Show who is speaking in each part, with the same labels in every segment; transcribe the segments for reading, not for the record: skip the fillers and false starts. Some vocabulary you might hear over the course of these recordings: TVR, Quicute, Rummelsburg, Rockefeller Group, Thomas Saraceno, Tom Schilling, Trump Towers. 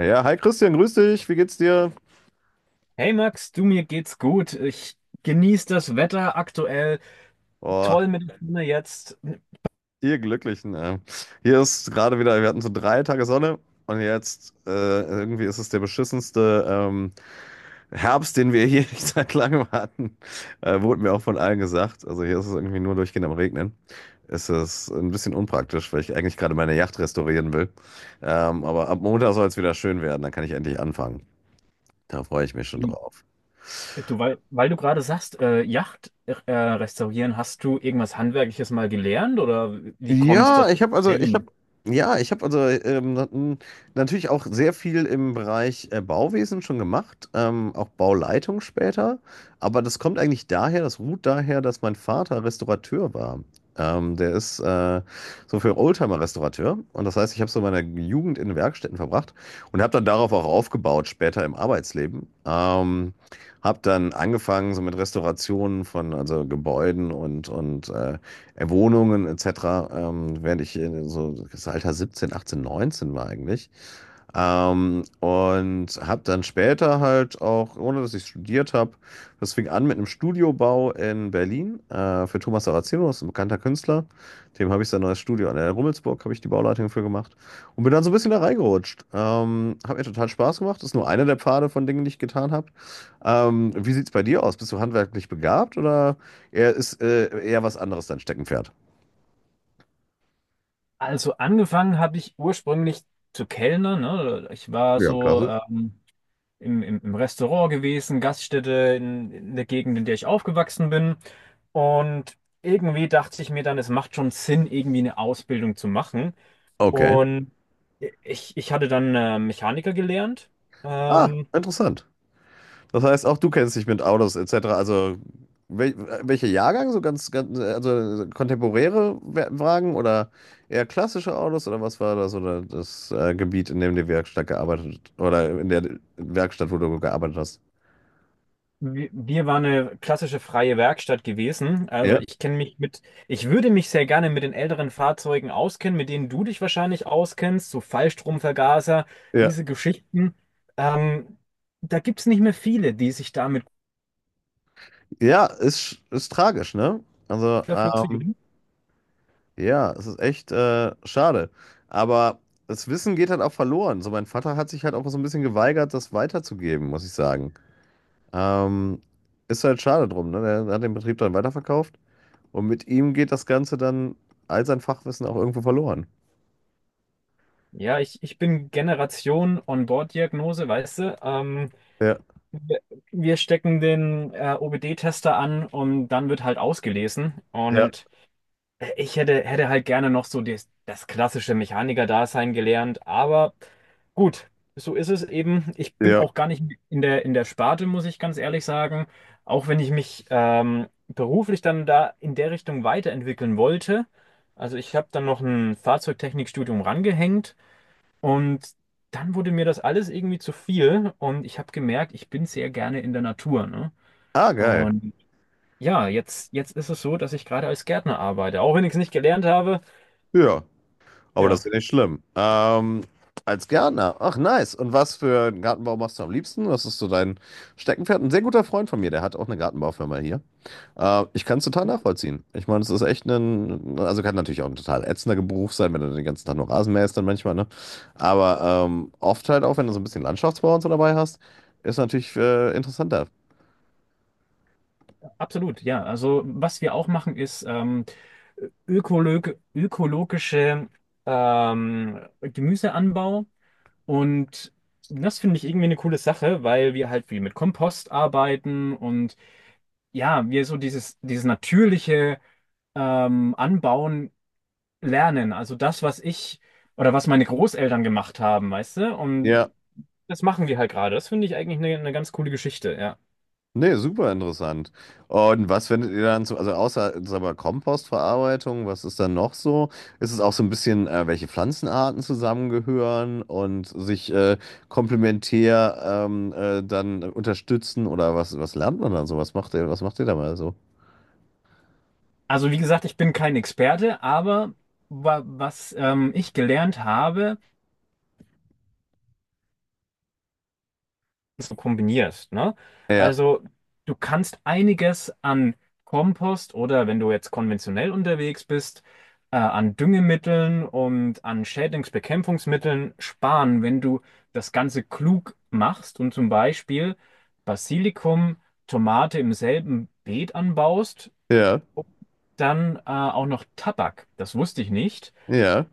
Speaker 1: Ja, hi Christian, grüß dich. Wie geht's dir?
Speaker 2: Hey Max, du, mir geht's gut. Ich genieße das Wetter aktuell.
Speaker 1: Oh,
Speaker 2: Toll mit der Sonne jetzt.
Speaker 1: ihr Glücklichen. Hier ist gerade wieder, wir hatten so 3 Tage Sonne und jetzt irgendwie ist es der beschissenste Herbst, den wir hier seit langem hatten. Wurde mir auch von allen gesagt. Also hier ist es irgendwie nur durchgehend am Regnen. Es ist ein bisschen unpraktisch, weil ich eigentlich gerade meine Yacht restaurieren will. Aber ab Montag soll es wieder schön werden, dann kann ich endlich anfangen. Da freue ich mich schon drauf.
Speaker 2: Du, weil du gerade sagst, Yacht restaurieren, hast du irgendwas Handwerkliches mal gelernt oder wie kommst du
Speaker 1: Ja,
Speaker 2: das
Speaker 1: ich habe
Speaker 2: her
Speaker 1: also, ich
Speaker 2: gemacht?
Speaker 1: habe, ja, ich habe also natürlich auch sehr viel im Bereich Bauwesen schon gemacht, auch Bauleitung später. Aber das kommt eigentlich daher, das ruht daher, dass mein Vater Restaurateur war. Der ist so für Oldtimer-Restaurateur. Und das heißt, ich habe so meine Jugend in Werkstätten verbracht und habe dann darauf auch aufgebaut, später im Arbeitsleben. Habe dann angefangen so mit Restaurationen von also Gebäuden und Wohnungen etc., während ich in so das Alter 17, 18, 19 war eigentlich. Und habe dann später halt auch, ohne dass ich studiert habe, das fing an mit einem Studiobau in Berlin für Thomas Saraceno, das ist ein bekannter Künstler. Dem habe ich sein neues Studio an der Rummelsburg, habe ich die Bauleitung für gemacht und bin dann so ein bisschen da reingerutscht. Hat mir total Spaß gemacht. Das ist nur einer der Pfade von Dingen, die ich getan habe. Wie sieht es bei dir aus? Bist du handwerklich begabt oder eher ist eher was anderes dein Steckenpferd?
Speaker 2: Also angefangen habe ich ursprünglich zu kellnern, ne? Ich war
Speaker 1: Ja,
Speaker 2: so
Speaker 1: klasse.
Speaker 2: im Restaurant gewesen, Gaststätte in der Gegend, in der ich aufgewachsen bin. Und irgendwie dachte ich mir dann, es macht schon Sinn, irgendwie eine Ausbildung zu machen.
Speaker 1: Okay.
Speaker 2: Und ich hatte dann Mechaniker gelernt.
Speaker 1: Ah,
Speaker 2: Ähm,
Speaker 1: interessant. Das heißt, auch du kennst dich mit Autos etc. Also wel welcher Jahrgang? So ganz, ganz, also kontemporäre Wagen oder eher klassische Autos oder was war da so das Gebiet, in dem die Werkstatt gearbeitet oder in der Werkstatt, wo du gearbeitet hast?
Speaker 2: wir waren eine klassische freie Werkstatt gewesen. Also
Speaker 1: Ja,
Speaker 2: ich kenne mich mit, ich würde mich sehr gerne mit den älteren Fahrzeugen auskennen, mit denen du dich wahrscheinlich auskennst, so Fallstromvergaser,
Speaker 1: ja,
Speaker 2: diese Geschichten. Ähm, da gibt es nicht mehr viele, die sich damit
Speaker 1: ja, ist tragisch, ne? Also,
Speaker 2: dafür zu jung.
Speaker 1: ja, es ist echt schade. Aber das Wissen geht halt auch verloren. So, mein Vater hat sich halt auch so ein bisschen geweigert, das weiterzugeben, muss ich sagen. Ähm, ist halt schade drum, ne? Der hat den Betrieb dann weiterverkauft und mit ihm geht das Ganze dann all sein Fachwissen auch irgendwo verloren.
Speaker 2: Ja, ich bin Generation On-Board-Diagnose, weißt du?
Speaker 1: Ja,
Speaker 2: Wir wir stecken den OBD-Tester an und dann wird halt ausgelesen.
Speaker 1: ja,
Speaker 2: Und ich hätte halt gerne noch so das klassische Mechaniker-Dasein gelernt. Aber gut, so ist es eben. Ich bin
Speaker 1: ja.
Speaker 2: auch gar nicht in in der Sparte, muss ich ganz ehrlich sagen. Auch wenn ich mich beruflich dann da in der Richtung weiterentwickeln wollte. Also ich habe dann noch ein Fahrzeugtechnikstudium rangehängt. Und dann wurde mir das alles irgendwie zu viel und ich habe gemerkt, ich bin sehr gerne in der Natur, ne?
Speaker 1: Ah, geil.
Speaker 2: Und ja, jetzt ist es so, dass ich gerade als Gärtner arbeite, auch wenn ich es nicht gelernt habe.
Speaker 1: Ja, aber das
Speaker 2: Ja,
Speaker 1: ist ja nicht schlimm. Als Gärtner. Ach, nice. Und was für einen Gartenbau machst du am liebsten? Was ist so dein Steckenpferd? Ein sehr guter Freund von mir, der hat auch eine Gartenbaufirma hier. Ich kann es total nachvollziehen. Ich meine, es ist echt ein, also kann natürlich auch ein total ätzender Beruf sein, wenn du den ganzen Tag nur Rasen mähst dann manchmal, ne? Aber oft halt auch, wenn du so ein bisschen Landschaftsbau und so dabei hast, ist natürlich interessanter.
Speaker 2: absolut, ja. Also was wir auch machen, ist ökologische Gemüseanbau und das finde ich irgendwie eine coole Sache, weil wir halt viel mit Kompost arbeiten und ja, wir so dieses natürliche Anbauen lernen. Also das, was ich oder was meine Großeltern gemacht haben, weißt du? Und
Speaker 1: Ja.
Speaker 2: das machen wir halt gerade. Das finde ich eigentlich eine ganz coole Geschichte, ja.
Speaker 1: Nee, super interessant. Und was findet ihr dann so, also außer sag mal, Kompostverarbeitung, was ist dann noch so? Ist es auch so ein bisschen, welche Pflanzenarten zusammengehören und sich komplementär dann unterstützen oder was lernt man dann so? Was macht ihr da mal so?
Speaker 2: Also wie gesagt, ich bin kein Experte, aber wa was ich gelernt habe, so kombinierst, ne?
Speaker 1: Ja,
Speaker 2: Also du kannst einiges an Kompost oder wenn du jetzt konventionell unterwegs bist, an Düngemitteln und an Schädlingsbekämpfungsmitteln sparen, wenn du das Ganze klug machst und zum Beispiel Basilikum, Tomate im selben Beet anbaust,
Speaker 1: ja,
Speaker 2: dann auch noch Tabak. Das wusste ich nicht.
Speaker 1: ja,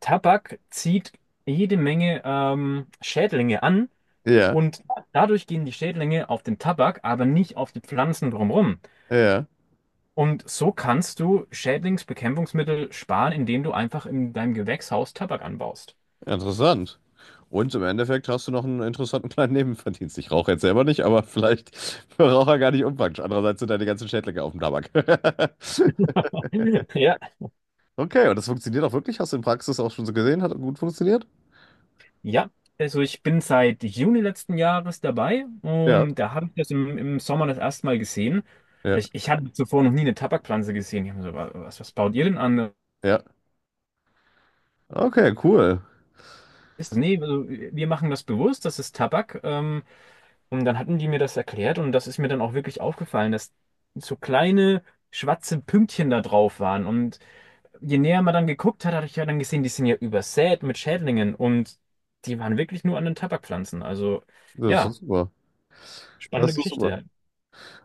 Speaker 2: Tabak zieht jede Menge Schädlinge an
Speaker 1: ja,
Speaker 2: und dadurch gehen die Schädlinge auf den Tabak, aber nicht auf die Pflanzen drumherum.
Speaker 1: ja.
Speaker 2: Und so kannst du Schädlingsbekämpfungsmittel sparen, indem du einfach in deinem Gewächshaus Tabak anbaust.
Speaker 1: Interessant. Und im Endeffekt hast du noch einen interessanten kleinen Nebenverdienst. Ich rauche jetzt selber nicht, aber vielleicht für Raucher gar nicht unpraktisch. Andererseits sind deine ganzen Schädlinge auf dem Tabak.
Speaker 2: Ja,
Speaker 1: Okay, und das funktioniert auch wirklich? Hast du in Praxis auch schon so gesehen? Hat gut funktioniert?
Speaker 2: ja. Also ich bin seit Juni letzten Jahres dabei
Speaker 1: Ja,
Speaker 2: und da habe ich das im Sommer das erste Mal gesehen.
Speaker 1: ja,
Speaker 2: Ich hatte zuvor noch nie eine Tabakpflanze gesehen. Ich habe mir so, was, was baut ihr denn an?
Speaker 1: ja. Okay, cool.
Speaker 2: Ist, das- nee, also wir machen das bewusst, das ist Tabak. Und dann hatten die mir das erklärt und das ist mir dann auch wirklich aufgefallen, dass so kleine schwarze Pünktchen da drauf waren. Und je näher man dann geguckt hat, hatte ich ja dann gesehen, die sind ja übersät mit Schädlingen und die waren wirklich nur an den Tabakpflanzen. Also
Speaker 1: Das ist
Speaker 2: ja,
Speaker 1: super.
Speaker 2: spannende
Speaker 1: Das ist super.
Speaker 2: Geschichte.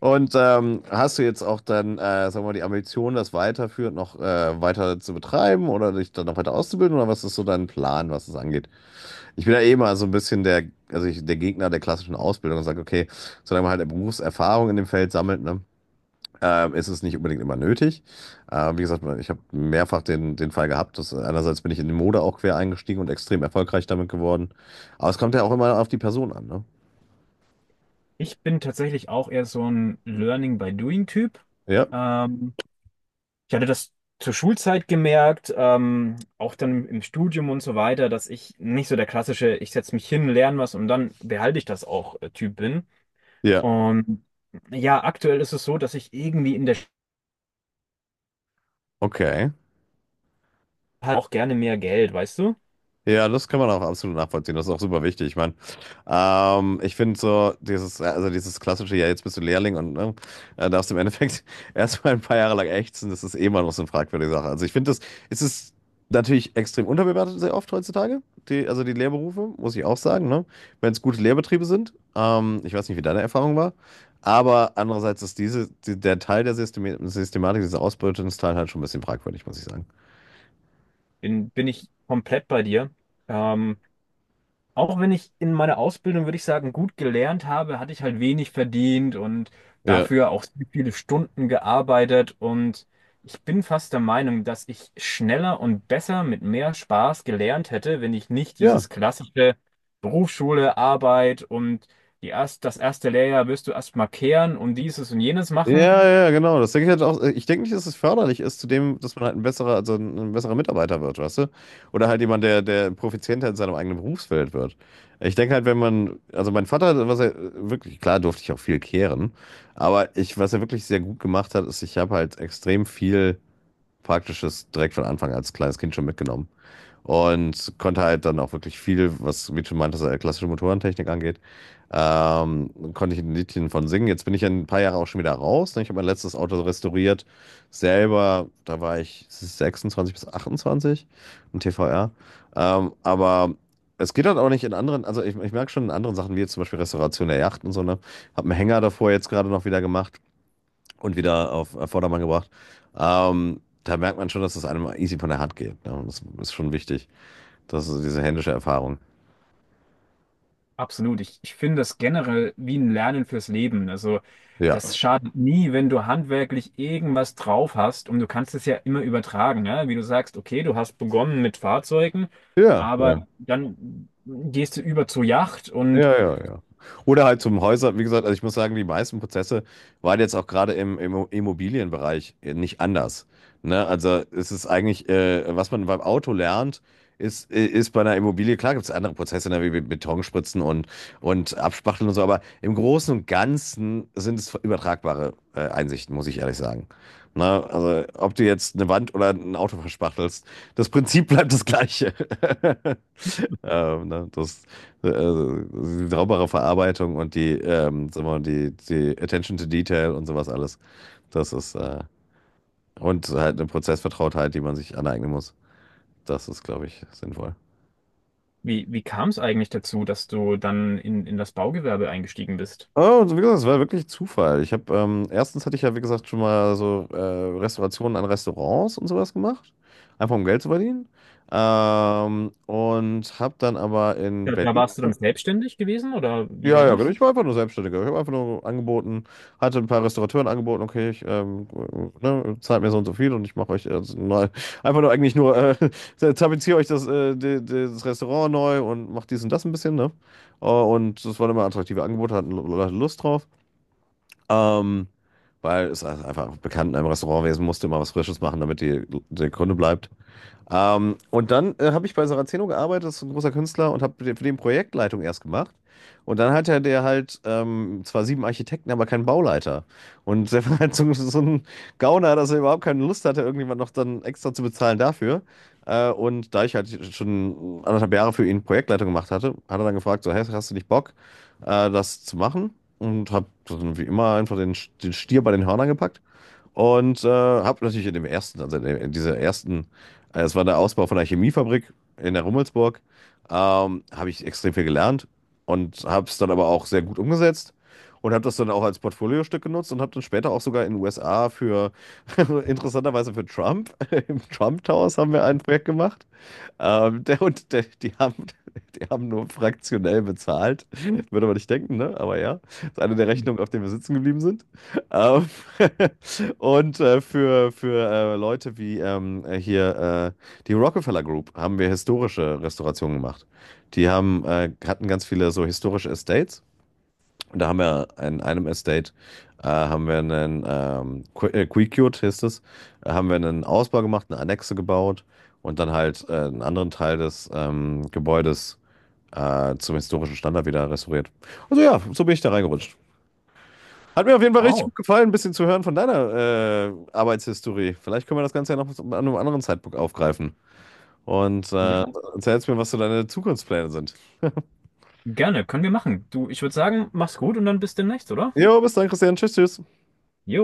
Speaker 1: Und hast du jetzt auch dann, sagen wir mal, die Ambition, das weiterführend noch weiter zu betreiben oder dich dann noch weiter auszubilden? Oder was ist so dein Plan, was es angeht? Ich bin ja eh mal so ein bisschen der Gegner der klassischen Ausbildung und sage, okay, solange man halt eine Berufserfahrung in dem Feld sammelt, ne, ist es nicht unbedingt immer nötig. Wie gesagt, ich habe mehrfach den Fall gehabt, dass einerseits bin ich in die Mode auch quer eingestiegen und extrem erfolgreich damit geworden. Aber es kommt ja auch immer auf die Person an, ne?
Speaker 2: Ich bin tatsächlich auch eher so ein Learning by Doing Typ.
Speaker 1: Ja,
Speaker 2: Ähm, ich hatte das zur Schulzeit gemerkt, auch dann im Studium und so weiter, dass ich nicht so der klassische, ich setze mich hin, lerne was und dann behalte ich das auch Typ bin.
Speaker 1: ja,
Speaker 2: Und ja, aktuell ist es so, dass ich irgendwie in der Sch-
Speaker 1: okay.
Speaker 2: halt auch gerne mehr Geld, weißt du?
Speaker 1: Ja, das kann man auch absolut nachvollziehen. Das ist auch super wichtig. Ich meine, ich finde so dieses, also dieses klassische, ja, jetzt bist du Lehrling und ne, darfst im Endeffekt erstmal ein paar Jahre lang ächzen, das ist eh mal noch so eine fragwürdige Sache. Also ich finde das, es ist natürlich extrem unterbewertet sehr oft heutzutage, die, also die Lehrberufe, muss ich auch sagen, ne? Wenn es gute Lehrbetriebe sind. Ich weiß nicht, wie deine Erfahrung war, aber andererseits ist der Teil der Systematik, dieser Ausbeutungsteil halt schon ein bisschen fragwürdig, muss ich sagen.
Speaker 2: Bin ich komplett bei dir. Ähm, auch wenn ich in meiner Ausbildung, würde ich sagen, gut gelernt habe, hatte ich halt wenig verdient und
Speaker 1: Ja.
Speaker 2: dafür auch sehr viele Stunden gearbeitet. Und ich bin fast der Meinung, dass ich schneller und besser mit mehr Spaß gelernt hätte, wenn ich nicht
Speaker 1: Ja.
Speaker 2: dieses klassische Berufsschule, Arbeit und das erste Lehrjahr wirst du erstmal kehren und dieses und jenes
Speaker 1: Ja,
Speaker 2: machen
Speaker 1: ja, ja, genau. Das denke ich halt auch. Ich denke nicht, dass es förderlich ist zu dem, dass man halt ein besserer Mitarbeiter wird, weißt du? Oder halt jemand, der profizienter in seinem eigenen Berufsfeld wird. Ich denke halt, wenn man, also mein Vater, was er wirklich, klar durfte ich auch viel kehren, aber was er wirklich sehr gut gemacht hat, ist, ich habe halt extrem viel Praktisches direkt von Anfang als kleines Kind schon mitgenommen. Und konnte halt dann auch wirklich viel, was, wie du schon meintest, klassische Motorentechnik angeht, konnte ich ein Liedchen von singen. Jetzt bin ich ja ein paar Jahre auch schon wieder raus. Ne? Ich habe mein letztes Auto restauriert. Selber, da war ich 26 bis 28 im TVR. Aber es geht halt auch nicht in anderen, also ich merke schon in anderen Sachen, wie jetzt zum Beispiel Restauration der Yacht und so, ne? Habe einen Hänger davor jetzt gerade noch wieder gemacht und wieder auf Vordermann gebracht. Da merkt man schon, dass es einem easy von der Hand geht. Ne? Und das ist schon wichtig. Das ist diese händische Erfahrung.
Speaker 2: Absolut. Ich finde das generell wie ein Lernen fürs Leben. Also
Speaker 1: Ja.
Speaker 2: das schadet nie, wenn du handwerklich irgendwas drauf hast und du kannst es ja immer übertragen, ja? Wie du sagst, okay, du hast begonnen mit Fahrzeugen,
Speaker 1: Ja.
Speaker 2: aber
Speaker 1: Ja.
Speaker 2: dann gehst du über zur Yacht und
Speaker 1: Ja, ja, ja. Oder halt zum Häuser, wie gesagt, also ich muss sagen, die meisten Prozesse waren jetzt auch gerade im, im Immobilienbereich nicht anders. Ne? Also es ist eigentlich, was man beim Auto lernt, ist bei einer Immobilie, klar gibt es andere Prozesse, ne, wie Betonspritzen und Abspachteln und so, aber im Großen und Ganzen sind es übertragbare Einsichten, muss ich ehrlich sagen. Ne? Also ob du jetzt eine Wand oder ein Auto verspachtelst, das Prinzip bleibt das gleiche. Ne? Das, also, die saubere Verarbeitung und die, sagen wir mal, die Attention to Detail und sowas alles. Das ist, und halt eine Prozessvertrautheit, die man sich aneignen muss. Das ist, glaube ich, sinnvoll.
Speaker 2: wie kam es eigentlich dazu, dass du dann in das Baugewerbe eingestiegen bist?
Speaker 1: Oh, wie gesagt, es war wirklich Zufall. Ich habe, erstens hatte ich ja, wie gesagt, schon mal so Restaurationen an Restaurants und sowas gemacht. Einfach um Geld zu verdienen. Und habe dann aber in
Speaker 2: Da
Speaker 1: Berlin.
Speaker 2: warst du dann selbstständig gewesen oder wie
Speaker 1: Ja,
Speaker 2: war
Speaker 1: ja, genau.
Speaker 2: das?
Speaker 1: Ich war einfach nur Selbstständiger. Ich habe einfach nur angeboten, hatte ein paar Restaurateuren angeboten, okay, ich ne, zahlt mir so und so viel und ich mache euch mal einfach nur eigentlich nur tapeziere euch das, das Restaurant neu und mache dies und das ein bisschen, ne? Und das waren immer attraktive Angebote, hatten Leute Lust drauf. Ähm, Weil es einfach bekannt in einem Restaurantwesen musste immer was Frisches machen, damit die, der Kunde bleibt. Und dann habe ich bei Saraceno gearbeitet, das ist ein großer Künstler, und habe für den Projektleitung erst gemacht. Und dann hatte der halt zwar sieben Architekten, aber keinen Bauleiter. Und der war halt so, so ein Gauner, dass er überhaupt keine Lust hatte, irgendjemand noch dann extra zu bezahlen dafür. Und da ich halt schon anderthalb Jahre für ihn Projektleitung gemacht hatte, hat er dann gefragt, so, hey, hast du nicht Bock, das zu machen? Und habe dann wie immer einfach den, den Stier bei den Hörnern gepackt und habe natürlich in dem ersten, also in dieser ersten, es war der Ausbau von einer Chemiefabrik in der Rummelsburg, habe ich extrem viel gelernt und habe es dann aber auch sehr gut umgesetzt und habe das dann auch als Portfoliostück genutzt und habe dann später auch sogar in den USA für, interessanterweise für Trump, im Trump Towers haben wir ein Projekt gemacht. Der, und der, die haben nur fraktionell bezahlt. Würde man nicht denken, ne? Aber ja. Das ist eine der Rechnungen, auf denen wir sitzen geblieben sind. Ähm, und für Leute wie hier die Rockefeller Group haben wir historische Restaurationen gemacht. Die hatten ganz viele so historische Estates. Und da haben wir in einem Estate, haben wir einen, Quicute hieß es, haben wir einen Ausbau gemacht, eine Annexe gebaut und dann halt einen anderen Teil des Gebäudes zum historischen Standard wieder restauriert. Also ja, so bin ich da reingerutscht. Hat mir auf jeden Fall richtig
Speaker 2: Wow.
Speaker 1: gut gefallen, ein bisschen zu hören von deiner Arbeitshistorie. Vielleicht können wir das Ganze ja noch an einem anderen Zeitpunkt aufgreifen. Und
Speaker 2: Ja,
Speaker 1: erzählst mir, was so deine Zukunftspläne sind.
Speaker 2: gerne, können wir machen. Du, ich würde sagen, mach's gut und dann bis demnächst, oder?
Speaker 1: Jo, bis dann, Christian. Tschüss, tschüss.
Speaker 2: Jo.